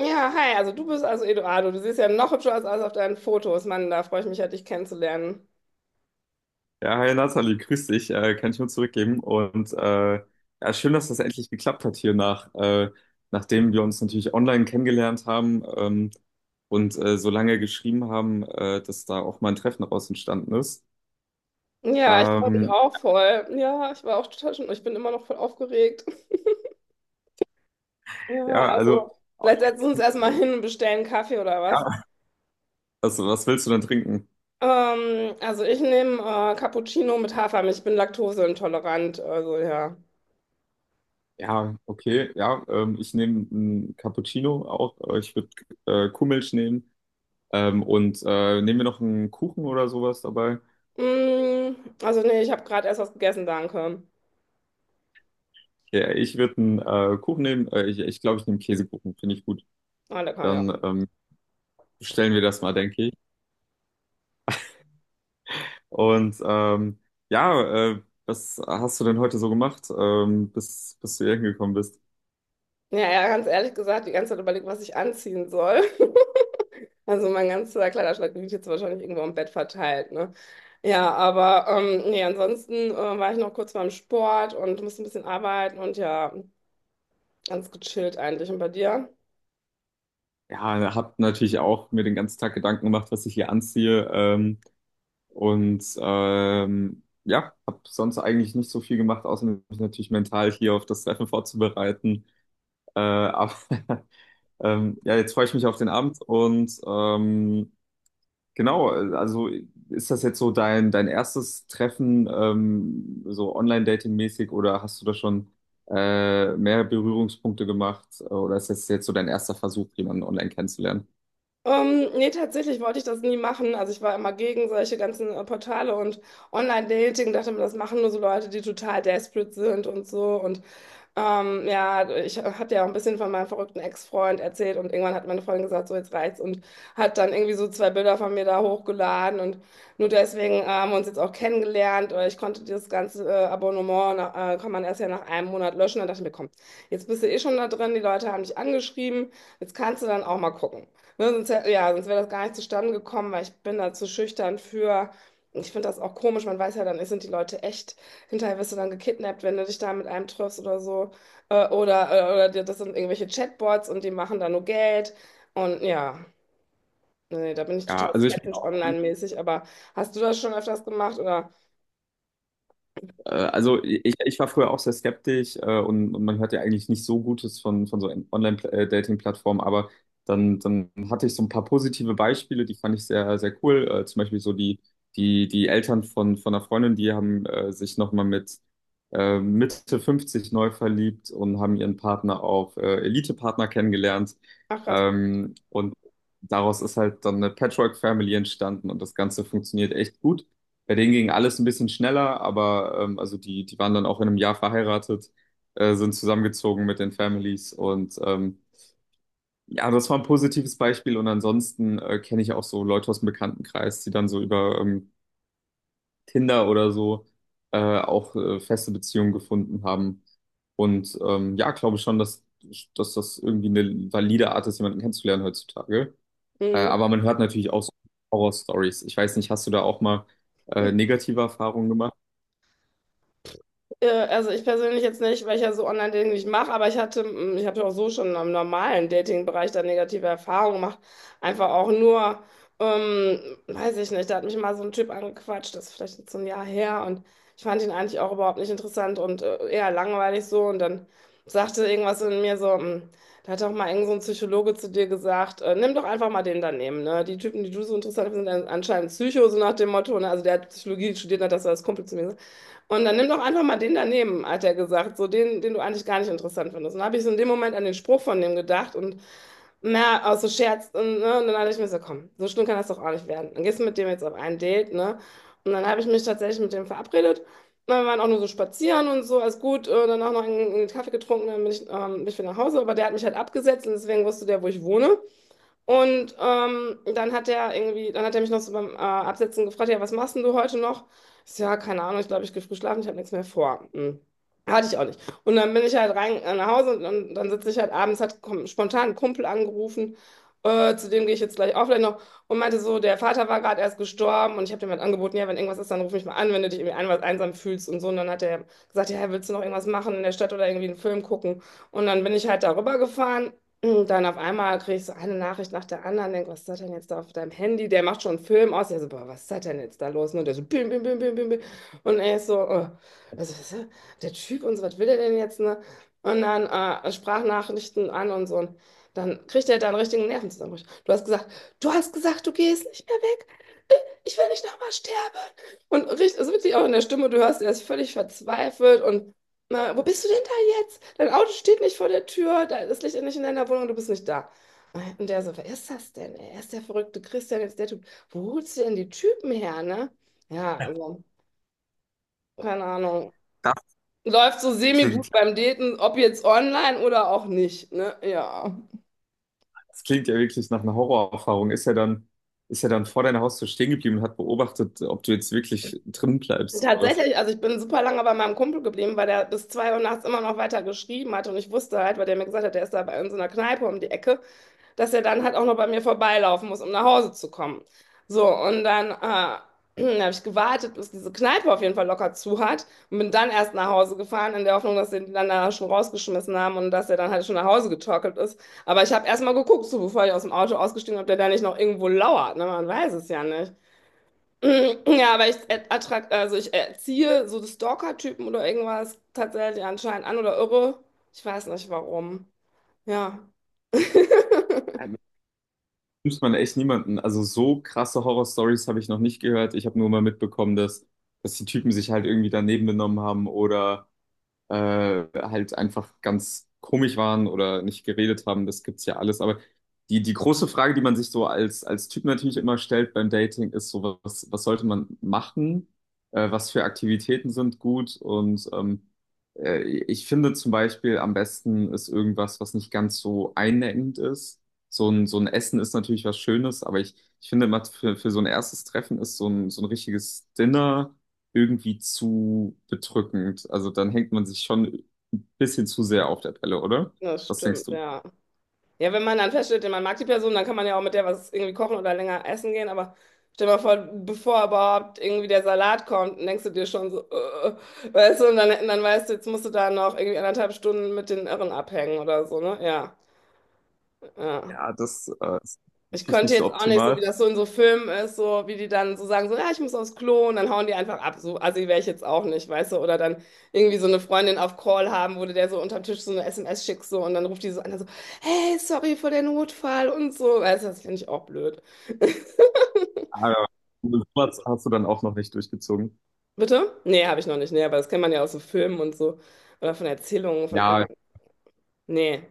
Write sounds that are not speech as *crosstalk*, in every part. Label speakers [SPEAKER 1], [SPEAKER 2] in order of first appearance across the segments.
[SPEAKER 1] Ja, hi, also du bist also Eduardo. Du siehst ja noch hübscher aus als auf deinen Fotos. Mann, da freue ich mich ja, dich kennenzulernen.
[SPEAKER 2] Ja, hi Nathalie, grüß dich. Kann ich nur zurückgeben. Ja, schön, dass das endlich geklappt hat nachdem wir uns natürlich online kennengelernt haben, so lange geschrieben haben, dass da auch mal ein Treffen daraus entstanden ist.
[SPEAKER 1] Ja, ich freue mich
[SPEAKER 2] Ähm,
[SPEAKER 1] auch voll. Ja, ich war auch total schon, ich bin immer noch voll aufgeregt. Ja,
[SPEAKER 2] ja,
[SPEAKER 1] also
[SPEAKER 2] also,
[SPEAKER 1] vielleicht setzen wir uns erstmal hin und bestellen Kaffee oder was.
[SPEAKER 2] ja, also, was willst du denn trinken?
[SPEAKER 1] Also ich nehme Cappuccino mit Hafermilch. Ich bin laktoseintolerant, also ja.
[SPEAKER 2] Ja, okay, ja, ich nehme einen Cappuccino auch. Ich würde Kuhmilch nehmen. Nehmen wir noch einen Kuchen oder sowas dabei?
[SPEAKER 1] Mm. Also nee, ich habe gerade erst was gegessen, danke.
[SPEAKER 2] Ja, ich würde einen Kuchen nehmen. Ich glaube, ich nehme Käsekuchen, finde ich gut.
[SPEAKER 1] Ah, lecker, ja.
[SPEAKER 2] Dann Bestellen wir das mal, denke ich. Und ähm, ja, Was hast du denn heute so gemacht, bis du hier hingekommen bist?
[SPEAKER 1] Ja, ja, ganz ehrlich gesagt, die ganze Zeit überlegt, was ich anziehen soll. *laughs* Also mein ganzer Kleiderschrank liegt jetzt wahrscheinlich irgendwo im Bett verteilt, ne? Ja, aber nee, ansonsten war ich noch kurz beim Sport und musste ein bisschen arbeiten und ja, ganz gechillt eigentlich. Und bei dir?
[SPEAKER 2] Ja, hab natürlich auch mir den ganzen Tag Gedanken gemacht, was ich hier anziehe. Ja, hab sonst eigentlich nicht so viel gemacht, außer mich natürlich mental hier auf das Treffen vorzubereiten. Aber *laughs* ja, jetzt freue ich mich auf den Abend genau. Also ist das jetzt so dein erstes Treffen, so Online-Dating-mäßig, oder hast du da schon mehr Berührungspunkte gemacht? Oder ist das jetzt so dein erster Versuch, jemanden online kennenzulernen?
[SPEAKER 1] Nee, tatsächlich wollte ich das nie machen. Also ich war immer gegen solche ganzen Portale und Online-Dating, dachte mir, das machen nur so Leute, die total desperate sind und so. Und ja, ich hatte ja auch ein bisschen von meinem verrückten Ex-Freund erzählt und irgendwann hat meine Freundin gesagt, so jetzt reicht's und hat dann irgendwie so zwei Bilder von mir da hochgeladen und nur deswegen haben wir uns jetzt auch kennengelernt. Ich konnte dieses ganze Abonnement, kann man erst ja nach einem Monat löschen. Dann dachte ich mir, komm, jetzt bist du eh schon da drin, die Leute haben dich angeschrieben, jetzt kannst du dann auch mal gucken. Ne, sonst, ja, sonst wäre das gar nicht zustande gekommen, weil ich bin da zu schüchtern für. Ich finde das auch komisch, man weiß ja dann, sind die Leute echt, hinterher wirst du dann gekidnappt, wenn du dich da mit einem triffst oder so. Oder das sind irgendwelche Chatbots und die machen da nur Geld. Und ja, nee, da bin ich
[SPEAKER 2] Ja,
[SPEAKER 1] total
[SPEAKER 2] also ich bin
[SPEAKER 1] skeptisch
[SPEAKER 2] auch.
[SPEAKER 1] online-mäßig, aber hast du das schon öfters gemacht oder?
[SPEAKER 2] Also ich war früher auch sehr skeptisch, und man hört ja eigentlich nicht so Gutes von so Online-Dating-Plattformen, aber dann hatte ich so ein paar positive Beispiele, die fand ich sehr cool. Zum Beispiel so die Eltern von einer Freundin, die haben sich nochmal mit Mitte 50 neu verliebt und haben ihren Partner auf Elite-Partner kennengelernt.
[SPEAKER 1] Ach krass.
[SPEAKER 2] Ähm, und Daraus ist halt dann eine Patchwork-Family entstanden und das Ganze funktioniert echt gut. Bei denen ging alles ein bisschen schneller, aber also die waren dann auch in einem Jahr verheiratet, sind zusammengezogen mit den Families, ja, das war ein positives Beispiel. Und ansonsten kenne ich auch so Leute aus dem Bekanntenkreis, die dann so über Tinder oder so auch feste Beziehungen gefunden haben. Ja, glaube schon, dass das irgendwie eine valide Art ist, jemanden kennenzulernen heutzutage.
[SPEAKER 1] Mhm.
[SPEAKER 2] Aber man hört natürlich auch so Horror-Stories. Ich weiß nicht, hast du da auch mal negative Erfahrungen gemacht?
[SPEAKER 1] Also ich persönlich jetzt nicht, weil ich ja so Online-Dating nicht mache, aber ich habe ja auch so schon im normalen Dating-Bereich da negative Erfahrungen gemacht. Einfach auch nur, ähm, weiß ich nicht, da hat mich mal so ein Typ angequatscht, das ist vielleicht jetzt so ein Jahr her und ich fand ihn eigentlich auch überhaupt nicht interessant und eher langweilig so und dann sagte irgendwas in mir so, da hat auch mal irgend so ein Psychologe zu dir gesagt, nimm doch einfach mal den daneben, ne? Die Typen, die du so interessant findest, sind anscheinend Psycho, so nach dem Motto, ne? Also der hat Psychologie studiert, hat das als Kumpel zu mir und dann nimm doch einfach mal den daneben, hat er gesagt, so den, den du eigentlich gar nicht interessant findest. Und dann habe ich so in dem Moment an den Spruch von dem gedacht und na, aus so Scherz. Und, ne, und dann dachte ich mir so, komm, so schlimm kann das doch auch nicht werden. Dann gehst du mit dem jetzt auf ein Date, ne? Und dann habe ich mich tatsächlich mit dem verabredet. Und wir waren auch nur so spazieren und so, alles gut. Dann auch noch einen Kaffee getrunken, dann bin ich wieder nach Hause. Aber der hat mich halt abgesetzt und deswegen wusste der, wo ich wohne. Und dann hat er mich noch so beim Absetzen gefragt, ja, was machst denn du heute noch? Ich so, ja, keine Ahnung, ich glaube, ich gehe früh schlafen, ich habe nichts mehr vor. Hm. Hatte ich auch nicht. Und dann bin ich halt rein nach Hause und, dann sitze ich halt abends, hat spontan einen Kumpel angerufen, zu dem gehe ich jetzt gleich auch vielleicht noch und meinte so, der Vater war gerade erst gestorben und ich habe dem halt angeboten, ja, wenn irgendwas ist, dann ruf mich mal an, wenn du dich irgendwie einsam fühlst und so. Und dann hat er gesagt, ja, willst du noch irgendwas machen in der Stadt oder irgendwie einen Film gucken? Und dann bin ich halt darüber gefahren und dann auf einmal kriege ich so eine Nachricht nach der anderen, denk, was ist das denn jetzt da auf deinem Handy? Der macht schon einen Film aus. Ja, so, boah, was ist das denn jetzt da los? Und der so, bim, bim, bim, bim, bim, bim. Und er ist so, was ist das? Der Typ und so, was will der denn jetzt, ne? Und dann Sprachnachrichten an und so. Und dann kriegt er da einen richtigen Nervenzusammenbruch. Du hast gesagt, du gehst nicht mehr weg. Ich will nicht nochmal sterben. Und richtig, ist wirklich auch in der Stimme, du hörst, er ist völlig verzweifelt und na, wo bist du denn da jetzt? Dein Auto steht nicht vor der Tür, da das Licht ist nicht in deiner Wohnung, du bist nicht da. Und der so, wer ist das denn? Er ist der verrückte Christian, jetzt der Typ. Wo holst du denn die Typen her, ne? Ja, also, keine Ahnung. Läuft so semi-gut
[SPEAKER 2] Klingt,
[SPEAKER 1] beim Daten, ob jetzt online oder auch nicht, ne? Ja.
[SPEAKER 2] Das klingt ja wirklich nach einer Horrorerfahrung. Ist er dann vor deiner Haustür stehen geblieben und hat beobachtet, ob du jetzt wirklich drin bleibst oder was?
[SPEAKER 1] Tatsächlich, also ich bin super lange bei meinem Kumpel geblieben, weil der bis 2 Uhr nachts immer noch weiter geschrieben hat und ich wusste halt, weil der mir gesagt hat, der ist da bei in so einer Kneipe um die Ecke, dass er dann halt auch noch bei mir vorbeilaufen muss, um nach Hause zu kommen. So, und dann, *clears throat* dann habe ich gewartet, bis diese Kneipe auf jeden Fall locker zu hat und bin dann erst nach Hause gefahren, in der Hoffnung, dass sie ihn dann da schon rausgeschmissen haben und dass er dann halt schon nach Hause getorkelt ist. Aber ich habe erst mal geguckt, so bevor ich aus dem Auto ausgestiegen bin, ob der da nicht noch irgendwo lauert. Ne? Man weiß es ja nicht. *clears throat* Ja, aber ich, attrakt, also ich erziehe so Stalker-Typen oder irgendwas tatsächlich anscheinend an oder irre. Ich weiß nicht warum. Ja,
[SPEAKER 2] Ähm, Nimmt man echt niemanden. Also so krasse Horrorstories habe ich noch nicht gehört. Ich habe nur mal mitbekommen, dass die Typen sich halt irgendwie daneben benommen haben oder halt einfach ganz komisch waren oder nicht geredet haben. Das gibt's ja alles. Aber die große Frage, die man sich so als Typ natürlich immer stellt beim Dating, ist so, was sollte man machen? Was für Aktivitäten sind gut? Ich finde zum Beispiel am besten ist irgendwas, was nicht ganz so einengend ist. So ein Essen ist natürlich was Schönes, aber ich finde immer für so ein erstes Treffen ist so ein richtiges Dinner irgendwie zu bedrückend. Also dann hängt man sich schon ein bisschen zu sehr auf der Pelle, oder?
[SPEAKER 1] das
[SPEAKER 2] Was denkst
[SPEAKER 1] stimmt,
[SPEAKER 2] du?
[SPEAKER 1] ja. Ja, wenn man dann feststellt, man mag die Person, dann kann man ja auch mit der was irgendwie kochen oder länger essen gehen. Aber stell dir mal vor, bevor überhaupt irgendwie der Salat kommt, denkst du dir schon so, weißt du, und dann weißt du, jetzt musst du da noch irgendwie anderthalb Stunden mit den Irren abhängen oder so, ne? Ja, ja.
[SPEAKER 2] Ja, das ist
[SPEAKER 1] Ich
[SPEAKER 2] natürlich
[SPEAKER 1] könnte
[SPEAKER 2] nicht so
[SPEAKER 1] jetzt auch nicht, so wie
[SPEAKER 2] optimal.
[SPEAKER 1] das so in so Filmen ist, so wie die dann so sagen, so, ja, ich muss aufs Klo und dann hauen die einfach ab. So assi wäre ich jetzt auch nicht, weißt du? Oder dann irgendwie so eine Freundin auf Call haben, wo du der so unterm Tisch so eine SMS schickst so, und dann ruft die so an, so, hey, sorry für den Notfall und so. Weißt du, das finde ich auch blöd. *laughs*
[SPEAKER 2] Aber sowas hast du dann auch noch nicht durchgezogen.
[SPEAKER 1] Bitte? Nee, habe ich noch nicht. Nee, aber das kennt man ja aus so Filmen und so. Oder von Erzählungen von
[SPEAKER 2] Ja.
[SPEAKER 1] anderen. Nee.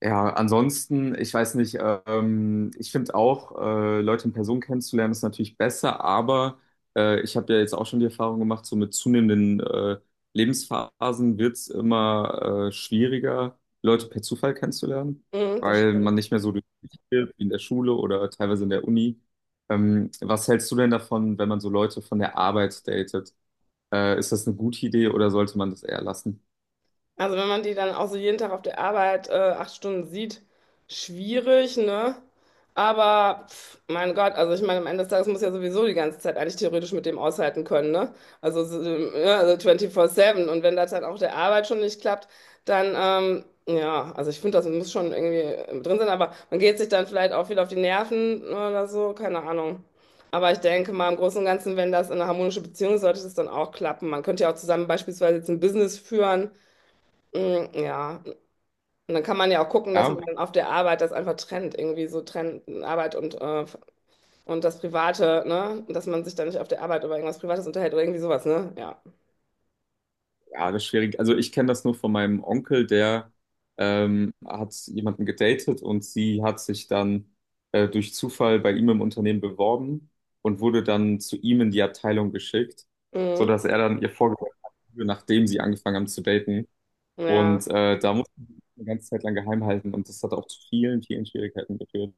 [SPEAKER 2] Ja, ansonsten, ich weiß nicht, ich finde auch, Leute in Person kennenzulernen ist natürlich besser, aber ich habe ja jetzt auch schon die Erfahrung gemacht, so mit zunehmenden Lebensphasen wird es immer schwieriger, Leute per Zufall kennenzulernen,
[SPEAKER 1] Mhm, das
[SPEAKER 2] weil man
[SPEAKER 1] stimmt.
[SPEAKER 2] nicht mehr so durchsichtig wird wie in der Schule oder teilweise in der Uni. Was hältst du denn davon, wenn man so Leute von der Arbeit datet? Ist das eine gute Idee oder sollte man das eher lassen?
[SPEAKER 1] Also wenn man die dann auch so jeden Tag auf der Arbeit 8 Stunden sieht, schwierig, ne? Aber pf, mein Gott, also ich meine, am Ende des Tages muss ja sowieso die ganze Zeit eigentlich theoretisch mit dem aushalten können, ne? Also, so, ja, also 24/7. Und wenn das halt auch der Arbeit schon nicht klappt, dann, ja, also ich finde, das muss schon irgendwie drin sein, aber man geht sich dann vielleicht auch viel auf die Nerven ne, oder so, keine Ahnung. Aber ich denke mal, im Großen und Ganzen, wenn das in eine harmonische Beziehung ist, sollte das dann auch klappen. Man könnte ja auch zusammen beispielsweise jetzt ein Business führen. Mm. Ja. Und dann kann man ja auch gucken, dass
[SPEAKER 2] Ja.
[SPEAKER 1] man dann auf der Arbeit das einfach trennt, irgendwie so trennt Arbeit und das Private, ne? Dass man sich dann nicht auf der Arbeit über irgendwas Privates unterhält oder irgendwie sowas, ne? Ja.
[SPEAKER 2] Ja, das ist schwierig. Also ich kenne das nur von meinem Onkel, der hat jemanden gedatet und sie hat sich dann durch Zufall bei ihm im Unternehmen beworben und wurde dann zu ihm in die Abteilung geschickt,
[SPEAKER 1] Mhm.
[SPEAKER 2] sodass er dann ihr vorgeworfen hat, nachdem sie angefangen haben zu daten.
[SPEAKER 1] Ja.
[SPEAKER 2] Da musste sie eine ganze Zeit lang geheim halten und das hat auch zu vielen Schwierigkeiten geführt.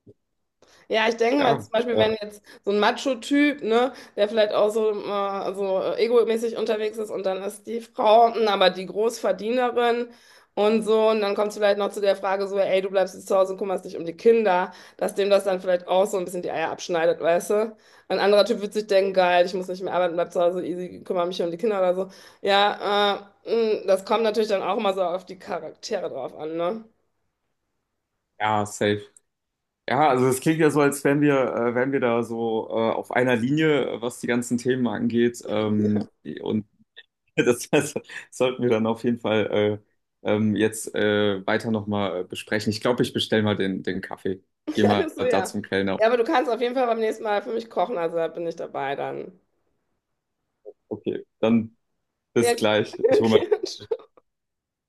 [SPEAKER 1] Ja, ich denke mal
[SPEAKER 2] Ja,
[SPEAKER 1] zum Beispiel,
[SPEAKER 2] äh,
[SPEAKER 1] wenn jetzt so ein Macho-Typ, ne, der vielleicht auch so, so egomäßig unterwegs ist und dann ist die Frau, hm, aber die Großverdienerin und so, und dann kommt es vielleicht noch zu der Frage so, ey, du bleibst jetzt zu Hause und kümmerst dich um die Kinder, dass dem das dann vielleicht auch so ein bisschen die Eier abschneidet, weißt du? Ein anderer Typ wird sich denken, geil, ich muss nicht mehr arbeiten, bleib zu Hause, easy, kümmere mich um die Kinder oder so. Ja, das kommt natürlich dann auch immer so auf die Charaktere drauf an, ne?
[SPEAKER 2] ja, safe. Ja, also es klingt ja so, als wären wir da so auf einer Linie, was die ganzen Themen angeht. Und *laughs* das sollten wir dann auf jeden Fall jetzt weiter nochmal besprechen. Ich glaube, ich bestelle mal den Kaffee. Geh
[SPEAKER 1] *laughs*
[SPEAKER 2] mal
[SPEAKER 1] Also,
[SPEAKER 2] da
[SPEAKER 1] ja.
[SPEAKER 2] zum Kellner.
[SPEAKER 1] Ja, aber du kannst auf jeden Fall beim nächsten Mal für mich kochen, also da bin ich dabei dann.
[SPEAKER 2] Okay, dann
[SPEAKER 1] Ja,
[SPEAKER 2] bis gleich.
[SPEAKER 1] *laughs*
[SPEAKER 2] Ich hole
[SPEAKER 1] okay.